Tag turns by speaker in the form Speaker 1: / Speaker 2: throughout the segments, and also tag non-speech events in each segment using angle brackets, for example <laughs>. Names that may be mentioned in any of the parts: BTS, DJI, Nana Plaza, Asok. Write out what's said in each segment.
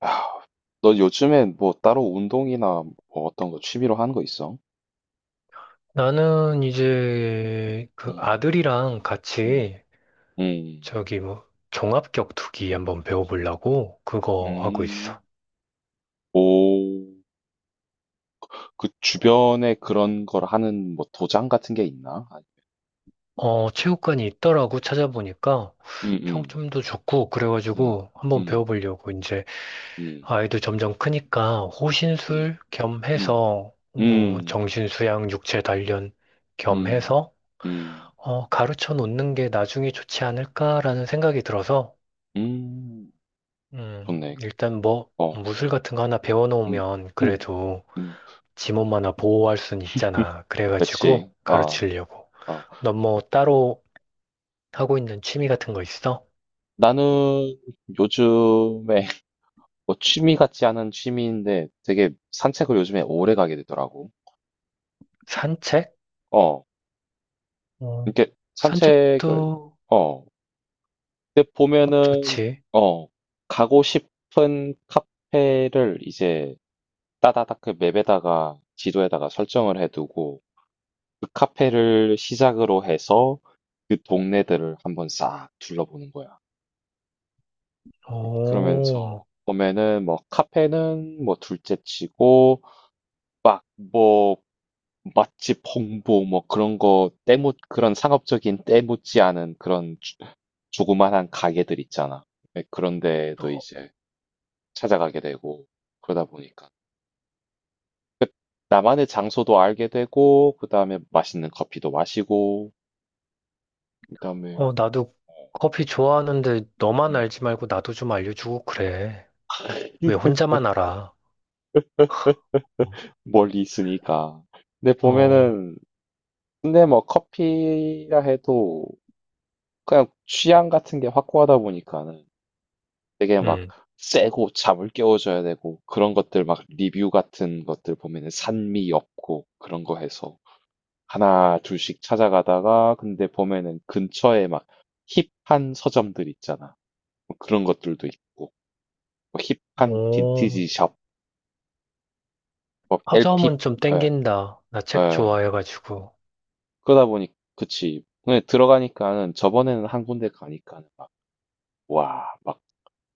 Speaker 1: 아, 너 요즘에 뭐 따로 운동이나 뭐 어떤 거 취미로 하는 거 있어?
Speaker 2: 나는 이제 그
Speaker 1: 음,
Speaker 2: 아들이랑
Speaker 1: 음,
Speaker 2: 같이
Speaker 1: 음,
Speaker 2: 저기 종합격투기 한번 배워보려고 그거 하고 있어.
Speaker 1: 음. 오, 그 주변에 그런 걸 하는 뭐 도장 같은 게 있나? 아,
Speaker 2: 체육관이 있더라고 찾아보니까
Speaker 1: 음, 음,
Speaker 2: 평점도 좋고
Speaker 1: 음,
Speaker 2: 그래가지고 한번
Speaker 1: 음,
Speaker 2: 배워보려고 이제
Speaker 1: 음,
Speaker 2: 아이도 점점 크니까 호신술
Speaker 1: 음,
Speaker 2: 겸해서
Speaker 1: 음, 음,
Speaker 2: 정신수양 육체 단련
Speaker 1: 음,
Speaker 2: 겸해서
Speaker 1: 음,
Speaker 2: 가르쳐 놓는 게 나중에 좋지 않을까라는 생각이 들어서
Speaker 1: 음. 좋네.
Speaker 2: 일단
Speaker 1: 어,
Speaker 2: 무술 같은 거 하나
Speaker 1: 음,
Speaker 2: 배워놓으면
Speaker 1: 음,
Speaker 2: 그래도
Speaker 1: 음.
Speaker 2: 지 몸 하나 보호할 순 있잖아.
Speaker 1: 그치.
Speaker 2: 그래가지고
Speaker 1: 아,
Speaker 2: 가르치려고.
Speaker 1: 아.
Speaker 2: 넌 뭐 따로 하고 있는 취미 같은 거 있어?
Speaker 1: 나는 요즘에 뭐 취미 같지 않은 취미인데 되게 산책을 요즘에 오래 가게 되더라고.
Speaker 2: 산책?
Speaker 1: 어,
Speaker 2: 어,
Speaker 1: 이렇게 산책을,
Speaker 2: 산책도
Speaker 1: 어, 근데 보면은,
Speaker 2: 좋지.
Speaker 1: 어, 가고 싶은 카페를 이제 따다닥 그 맵에다가 지도에다가 설정을 해두고 그 카페를 시작으로 해서 그 동네들을 한번 싹 둘러보는 거야. 그러면서
Speaker 2: 오,
Speaker 1: 보면은 뭐 카페는 뭐 둘째 치고 막뭐 맛집 홍보 뭐 그런 거 때묻 그런 상업적인 때묻지 않은 그런 조- 조그만한 가게들 있잖아. 네, 그런 데도
Speaker 2: 어,
Speaker 1: 이제 찾아가게 되고 그러다 보니까 그 나만의 장소도 알게 되고 그다음에 맛있는 커피도 마시고 그다음에
Speaker 2: 어, 나도
Speaker 1: 어,
Speaker 2: 커피 좋아하는데 너만
Speaker 1: 음.
Speaker 2: 알지 말고 나도 좀 알려주고 그래. 왜
Speaker 1: <laughs>
Speaker 2: 혼자만 알아?
Speaker 1: 멀리 있으니까. 근데
Speaker 2: 어,
Speaker 1: 보면은 근데 뭐 커피라 해도 그냥 취향 같은 게 확고하다 보니까는 되게 막
Speaker 2: 응.
Speaker 1: 세고 잠을 깨워줘야 되고 그런 것들 막 리뷰 같은 것들 보면은 산미 엽고 그런 거 해서 하나 둘씩 찾아가다가 근데 보면은 근처에 막 힙한 서점들 있잖아. 뭐 그런 것들도 있고 뭐 힙한
Speaker 2: 오,
Speaker 1: 빈티지 샵, 뭐 LP,
Speaker 2: 서점은 좀
Speaker 1: 예,
Speaker 2: 땡긴다. 나 책
Speaker 1: 예.
Speaker 2: 좋아해가지고.
Speaker 1: 그러다 보니 그치. 근데 들어가니까는 저번에는 한 군데 가니까는 막 와, 막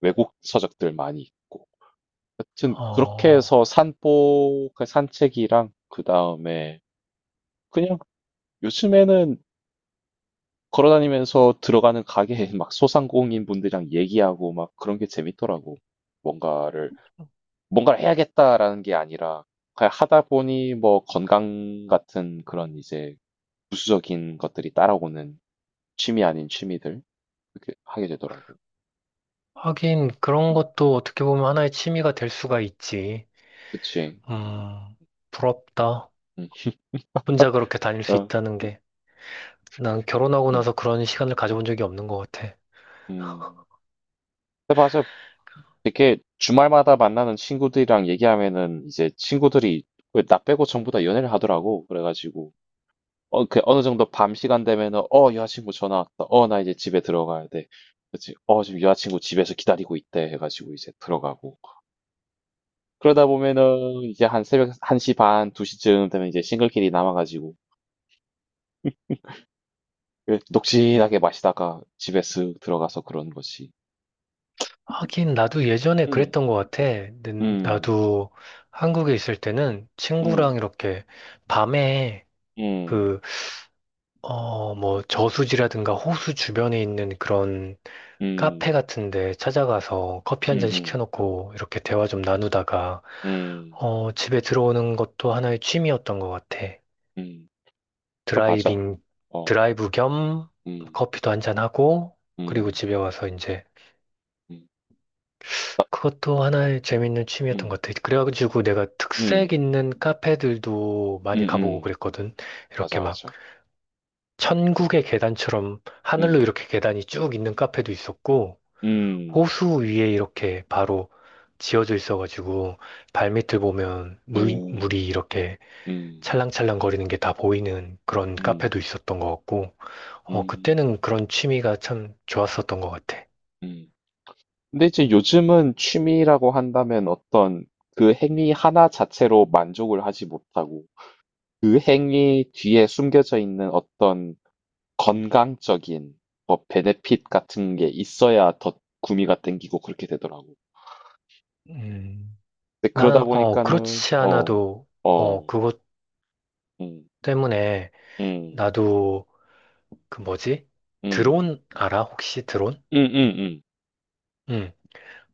Speaker 1: 외국 서적들 많이 있고 하여튼 그렇게
Speaker 2: 어,
Speaker 1: 해서 산보 그 산책이랑 그다음에 그냥 요즘에는 걸어 다니면서 들어가는 가게에 <laughs> 막 소상공인 분들이랑 얘기하고 막 그런 게 재밌더라고. 뭔가를 '뭔가를 해야겠다.'라는 게 아니라 그냥 하다 보니 뭐 건강 같은 그런 이제 부수적인 것들이 따라오는 취미 아닌 취미들 그렇게 하게 되더라고.
Speaker 2: 하긴 그런
Speaker 1: 음.
Speaker 2: 것도 어떻게 보면 하나의 취미가 될 수가 있지.
Speaker 1: 그치.
Speaker 2: 음, 부럽다.
Speaker 1: 음.
Speaker 2: 혼자 그렇게 다닐 수
Speaker 1: 어.
Speaker 2: 있다는 게. 난 결혼하고
Speaker 1: 음.
Speaker 2: 나서 그런 시간을 가져본 적이 없는 것 같아.
Speaker 1: 음. 근데 맞아. 이렇게 주말마다 만나는 친구들이랑 얘기하면은 이제 친구들이 왜나 빼고 전부 다 연애를 하더라고. 그래가지고 어, 그 어느 정도 밤 시간 되면은 어 여자친구 전화 왔다. 어 나 이제 집에 들어가야 돼. 그치? 어 지금 여자친구 집에서 기다리고 있대 해가지고 이제 들어가고 그러다 보면은 이제 한 새벽 1시 반, 2시쯤 되면 이제 싱글끼리 남아가지고 그 녹진하게 마시다가 집에 쓱 들어가서 그런 거지.
Speaker 2: 하긴 나도 예전에
Speaker 1: 음,
Speaker 2: 그랬던 것 같아.
Speaker 1: 음,
Speaker 2: 나도 한국에 있을 때는 친구랑
Speaker 1: 음,
Speaker 2: 이렇게 밤에
Speaker 1: 음,
Speaker 2: 그, 저수지라든가 호수 주변에 있는 그런 카페
Speaker 1: 음,
Speaker 2: 같은데 찾아가서 커피 한 잔
Speaker 1: 음, 음,
Speaker 2: 시켜놓고 이렇게 대화 좀 나누다가
Speaker 1: 음,
Speaker 2: 집에 들어오는 것도 하나의 취미였던 것 같아.
Speaker 1: 음. 그 맞아.
Speaker 2: 드라이빙,
Speaker 1: 어.
Speaker 2: 드라이브 겸
Speaker 1: 음.
Speaker 2: 커피도 한 잔 하고 그리고
Speaker 1: 음.
Speaker 2: 집에 와서 이제
Speaker 1: 음.
Speaker 2: 그것도 하나의
Speaker 1: 음.
Speaker 2: 재밌는 취미였던
Speaker 1: 음.
Speaker 2: 것 같아. 그래가지고 내가 특색
Speaker 1: 음.
Speaker 2: 있는 카페들도 많이 가보고
Speaker 1: 음음.
Speaker 2: 그랬거든.
Speaker 1: 맞아,
Speaker 2: 이렇게
Speaker 1: 맞아. 음.
Speaker 2: 천국의 계단처럼 하늘로
Speaker 1: 음.
Speaker 2: 이렇게 계단이 쭉 있는 카페도 있었고.
Speaker 1: 음.
Speaker 2: 호수 위에 이렇게 바로 지어져 있어가지고 발밑을 보면
Speaker 1: 오.
Speaker 2: 물이 이렇게
Speaker 1: 음.
Speaker 2: 찰랑찰랑 거리는 게 다 보이는 그런
Speaker 1: 음.
Speaker 2: 카페도 있었던 것 같고, 어,
Speaker 1: 음.
Speaker 2: 그때는 그런 취미가 참 좋았었던 것 같아.
Speaker 1: 음. 근데 이제 요즘은 취미라고 한다면 어떤 그 행위 하나 자체로 만족을 하지 못하고 그 행위 뒤에 숨겨져 있는 어떤 건강적인 뭐 베네핏 같은 게 있어야 더 구미가 땡기고 그렇게 되더라고.
Speaker 2: 음,
Speaker 1: 근데 그러다 보니까는
Speaker 2: 그렇지
Speaker 1: 어,
Speaker 2: 않아도,
Speaker 1: 어,
Speaker 2: 그것
Speaker 1: 음,
Speaker 2: 때문에
Speaker 1: 음,
Speaker 2: 나도 그 뭐지?
Speaker 1: 음,
Speaker 2: 드론 알아? 혹시 드론?
Speaker 1: 음 음 음, 음,
Speaker 2: 응.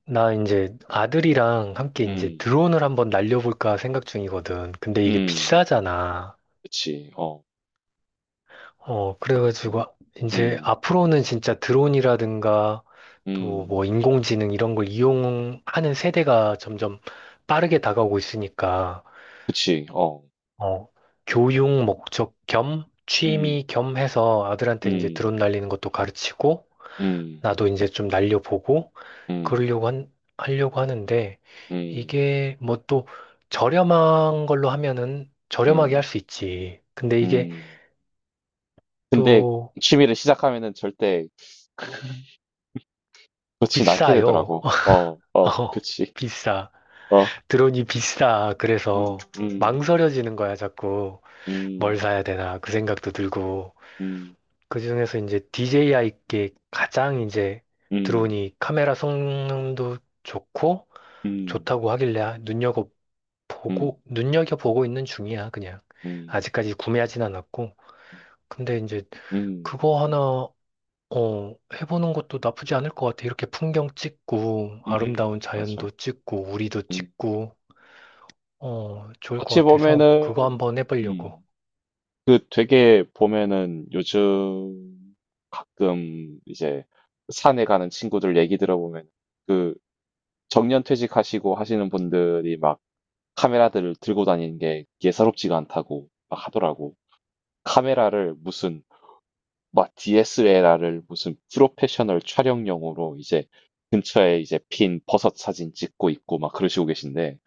Speaker 2: 나 이제 아들이랑 함께 이제
Speaker 1: 음,
Speaker 2: 드론을 한번 날려볼까 생각 중이거든. 근데
Speaker 1: 음,
Speaker 2: 이게
Speaker 1: 음,
Speaker 2: 비싸잖아.
Speaker 1: 그치, 어,
Speaker 2: 그래가지고,
Speaker 1: 음,
Speaker 2: 이제
Speaker 1: 음,
Speaker 2: 앞으로는 진짜 드론이라든가 또
Speaker 1: 음,
Speaker 2: 뭐 인공지능 이런 걸 이용하는 세대가 점점 빠르게 다가오고 있으니까,
Speaker 1: 그치, 어,
Speaker 2: 어, 교육 목적 겸
Speaker 1: 음,
Speaker 2: 취미 겸 해서 아들한테 이제 드론
Speaker 1: 음,
Speaker 2: 날리는 것도 가르치고,
Speaker 1: 음,
Speaker 2: 나도 이제 좀 날려보고,
Speaker 1: 음,
Speaker 2: 그러려고 한, 하려고 하는데,
Speaker 1: 음,
Speaker 2: 이게 뭐 또 저렴한 걸로 하면은 저렴하게 할
Speaker 1: 음,
Speaker 2: 수 있지. 근데 이게
Speaker 1: 음. 근데
Speaker 2: 또
Speaker 1: 취미를 시작하면은 절대 그렇진 않게
Speaker 2: 비싸요.
Speaker 1: 되더라고. 어, 어,
Speaker 2: 어,
Speaker 1: 그치,
Speaker 2: 비싸.
Speaker 1: 어,
Speaker 2: 드론이 비싸.
Speaker 1: 음,
Speaker 2: 그래서
Speaker 1: 음,
Speaker 2: 망설여지는 거야, 자꾸. 뭘
Speaker 1: 음,
Speaker 2: 사야 되나, 그 생각도 들고.
Speaker 1: 음,
Speaker 2: 그중에서 이제 DJI께 가장 이제
Speaker 1: 음,
Speaker 2: 드론이 카메라 성능도 좋고,
Speaker 1: 음,
Speaker 2: 좋다고 하길래
Speaker 1: 음,
Speaker 2: 눈여겨보고 있는 중이야, 그냥.
Speaker 1: 음,
Speaker 2: 아직까지 구매하진 않았고. 근데 이제
Speaker 1: 음,
Speaker 2: 그거 하나, 해보는 것도 나쁘지 않을 것 같아. 이렇게 풍경 찍고,
Speaker 1: 음,
Speaker 2: 아름다운
Speaker 1: 맞아.
Speaker 2: 자연도 찍고, 우리도
Speaker 1: 음.
Speaker 2: 찍고, 어, 좋을 것
Speaker 1: 어찌
Speaker 2: 같아서 그거
Speaker 1: 보면은
Speaker 2: 한번 해보려고.
Speaker 1: 음. 그 되게 보면은 요즘 가끔 이제 산에 가는 친구들 얘기 들어보면 그 정년 퇴직하시고 하시는 분들이 막 카메라들을 들고 다니는 게 예사롭지가 않다고 막 하더라고. 카메라를 무슨 막 DSLR을 무슨 프로페셔널 촬영용으로 이제 근처에 이제 핀 버섯 사진 찍고 있고 막 그러시고 계신데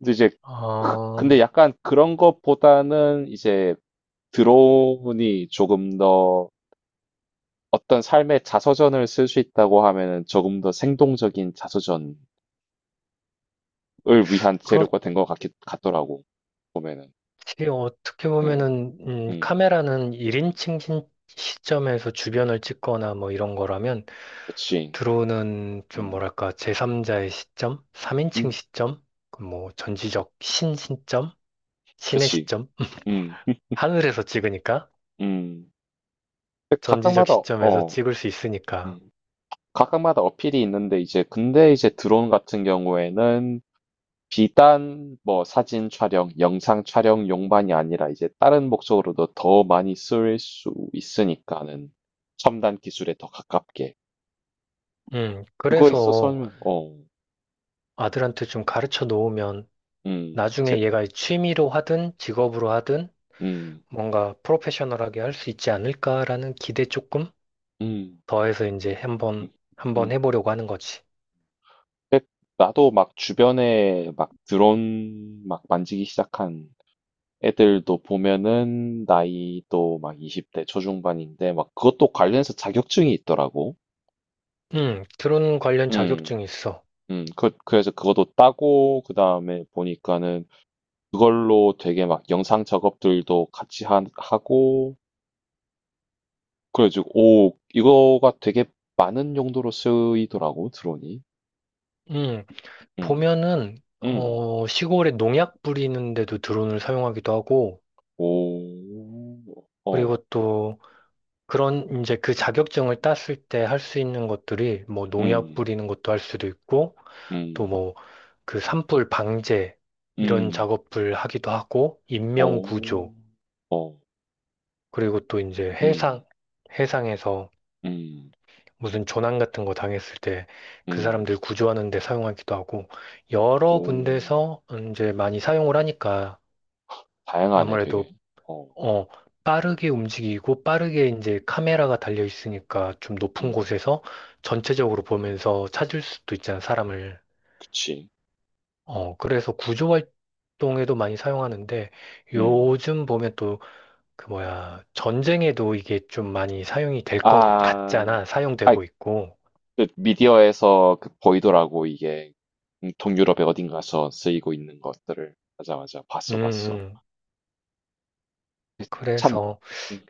Speaker 1: 근데 이제 그- 근데
Speaker 2: 아,
Speaker 1: 약간 그런 것보다는 이제 드론이 조금 더 어떤 삶의 자서전을 쓸 수 있다고 하면은 조금 더 생동적인 자서전을 위한
Speaker 2: 그렇지.
Speaker 1: 재료가 된 것 같기 같더라고 보면은
Speaker 2: 어떻게
Speaker 1: 음,
Speaker 2: 보면은,
Speaker 1: 음,
Speaker 2: 카메라는 1인칭 시점에서 주변을 찍거나 뭐 이런 거라면,
Speaker 1: 그치,
Speaker 2: 드론은 좀
Speaker 1: 음,
Speaker 2: 뭐랄까, 제3자의 시점? 3인칭
Speaker 1: 음,
Speaker 2: 시점? 그 뭐, 전지적 신 시점? 신의
Speaker 1: 그치,
Speaker 2: 시점?
Speaker 1: 음,
Speaker 2: <laughs> 하늘에서 찍으니까?
Speaker 1: 음. 근데
Speaker 2: 전지적
Speaker 1: 각각마다
Speaker 2: 시점에서
Speaker 1: 어,
Speaker 2: 찍을 수 있으니까.
Speaker 1: 음, 각각마다 어필이 있는데 이제 근데 이제 드론 같은 경우에는 비단 뭐 사진 촬영, 영상 촬영용만이 아니라 이제 다른 목적으로도 더 많이 쓸 수 있으니까는 첨단 기술에 더 가깝게. 그거에
Speaker 2: 그래서
Speaker 1: 있어서는 어,
Speaker 2: 아들한테 좀 가르쳐 놓으면,
Speaker 1: 제,
Speaker 2: 나중에 얘가 취미로 하든 직업으로 하든
Speaker 1: 음,
Speaker 2: 뭔가 프로페셔널하게 할 수 있지 않을까라는 기대 조금
Speaker 1: 음,
Speaker 2: 더해서 이제
Speaker 1: 음,
Speaker 2: 한번
Speaker 1: 음.
Speaker 2: 해보려고 하는 거지.
Speaker 1: 근데 나도 막 주변에 막 드론 막 만지기 시작한 애들도 보면은 나이도 막 20대 초중반인데 막 그것도 관련해서 자격증이 있더라고.
Speaker 2: 드론 관련
Speaker 1: 음.
Speaker 2: 자격증이 있어.
Speaker 1: 그, 그래서 그것도 따고, 그 다음에 보니까는 그걸로 되게 막 영상 작업들도 같이 하, 하고, 그래가지고, 오, 이거가 되게 많은 용도로 쓰이더라고, 드론이.
Speaker 2: 음,
Speaker 1: 음,
Speaker 2: 보면은
Speaker 1: 음,
Speaker 2: 어, 시골에 농약 뿌리는데도 드론을 사용하기도 하고
Speaker 1: 오,
Speaker 2: 그리고
Speaker 1: 어,
Speaker 2: 또 그런 이제 그 자격증을 땄을 때 할 수 있는 것들이 뭐 농약
Speaker 1: 음,
Speaker 2: 뿌리는 것도 할 수도 있고 또
Speaker 1: 음,
Speaker 2: 그 산불 방제 이런
Speaker 1: 음,
Speaker 2: 작업을 하기도 하고 인명
Speaker 1: 오,
Speaker 2: 구조
Speaker 1: 어,
Speaker 2: 그리고 또 이제
Speaker 1: 음,
Speaker 2: 해상에서
Speaker 1: 음,
Speaker 2: 무슨 조난 같은 거 당했을 때 그
Speaker 1: 음,
Speaker 2: 사람들 구조하는 데 사용하기도 하고
Speaker 1: 오,
Speaker 2: 여러 군데서 이제 많이 사용을 하니까
Speaker 1: 다양하네, 되게.
Speaker 2: 아무래도
Speaker 1: 어,
Speaker 2: 어, 빠르게 움직이고 빠르게 이제 카메라가 달려 있으니까 좀 높은
Speaker 1: 음,
Speaker 2: 곳에서 전체적으로 보면서 찾을 수도 있잖아, 사람을.
Speaker 1: 그치.
Speaker 2: 어, 그래서 구조 활동에도 많이 사용하는데
Speaker 1: 음,
Speaker 2: 요즘 보면 또 그 뭐야, 전쟁에도 이게 좀 많이 사용이 될 것
Speaker 1: 아,
Speaker 2: 같잖아.
Speaker 1: 아,
Speaker 2: 사용되고 있고.
Speaker 1: 그 미디어에서 그 보이더라고 이게 동유럽의 어딘가서 쓰이고 있는 것들을 맞아 맞아
Speaker 2: 음,
Speaker 1: 봤어 봤어
Speaker 2: 음.
Speaker 1: 참
Speaker 2: 그래서
Speaker 1: 음,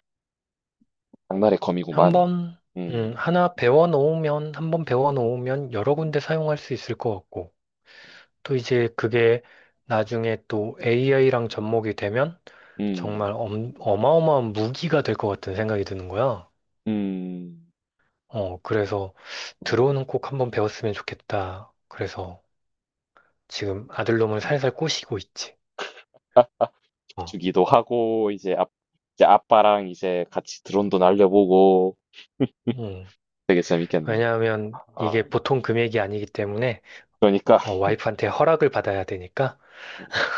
Speaker 1: 장날의 검이구만
Speaker 2: 한번,
Speaker 1: 음
Speaker 2: 하나 배워 놓으면, 한번 배워 놓으면 여러 군데 사용할 수 있을 것 같고. 또 이제 그게 나중에 또 AI랑 접목이 되면
Speaker 1: 음,
Speaker 2: 정말 어마어마한 무기가 될 것 같은 생각이 드는 거야.
Speaker 1: 음,
Speaker 2: 어, 그래서 드론은 꼭 한번 배웠으면 좋겠다. 그래서 지금 아들놈을
Speaker 1: 음.
Speaker 2: 살살 꼬시고 있지.
Speaker 1: 아,
Speaker 2: 어.
Speaker 1: 주기도 하고 이제 아, 이제 아빠랑 이제 같이 드론도 날려보고 음,
Speaker 2: 음.
Speaker 1: 되게 재밌겠네.
Speaker 2: 왜냐하면 이게
Speaker 1: 아
Speaker 2: 보통 금액이 아니기 때문에
Speaker 1: 그러니까
Speaker 2: 어, 와이프한테 허락을 받아야 되니까
Speaker 1: <laughs>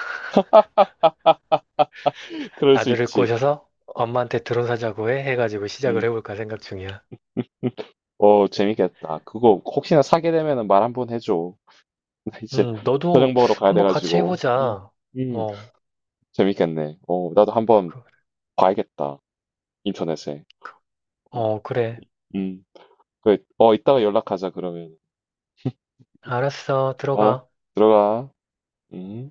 Speaker 1: 아 그럴 수
Speaker 2: 아들을
Speaker 1: 있지
Speaker 2: 꼬셔서 엄마한테 드론 사자고 해 해가지고 시작을
Speaker 1: 음.
Speaker 2: 해볼까 생각 중이야.
Speaker 1: 어 재밌겠다 그거 혹시나 사게 되면은 말 한번 해줘. 근데 이제 저녁
Speaker 2: 너도
Speaker 1: 먹으러 가야
Speaker 2: 한번 같이
Speaker 1: 돼가지고.
Speaker 2: 해보자.
Speaker 1: 음,
Speaker 2: 어,
Speaker 1: 재밌겠네. 어, 나도 한번
Speaker 2: 그,
Speaker 1: 봐야겠다. 인터넷에. 어,
Speaker 2: 그래.
Speaker 1: 음, 그래. 어, 이따가 연락하자, 그러면.
Speaker 2: 알았어.
Speaker 1: 어,
Speaker 2: 들어가.
Speaker 1: 들어가. 음.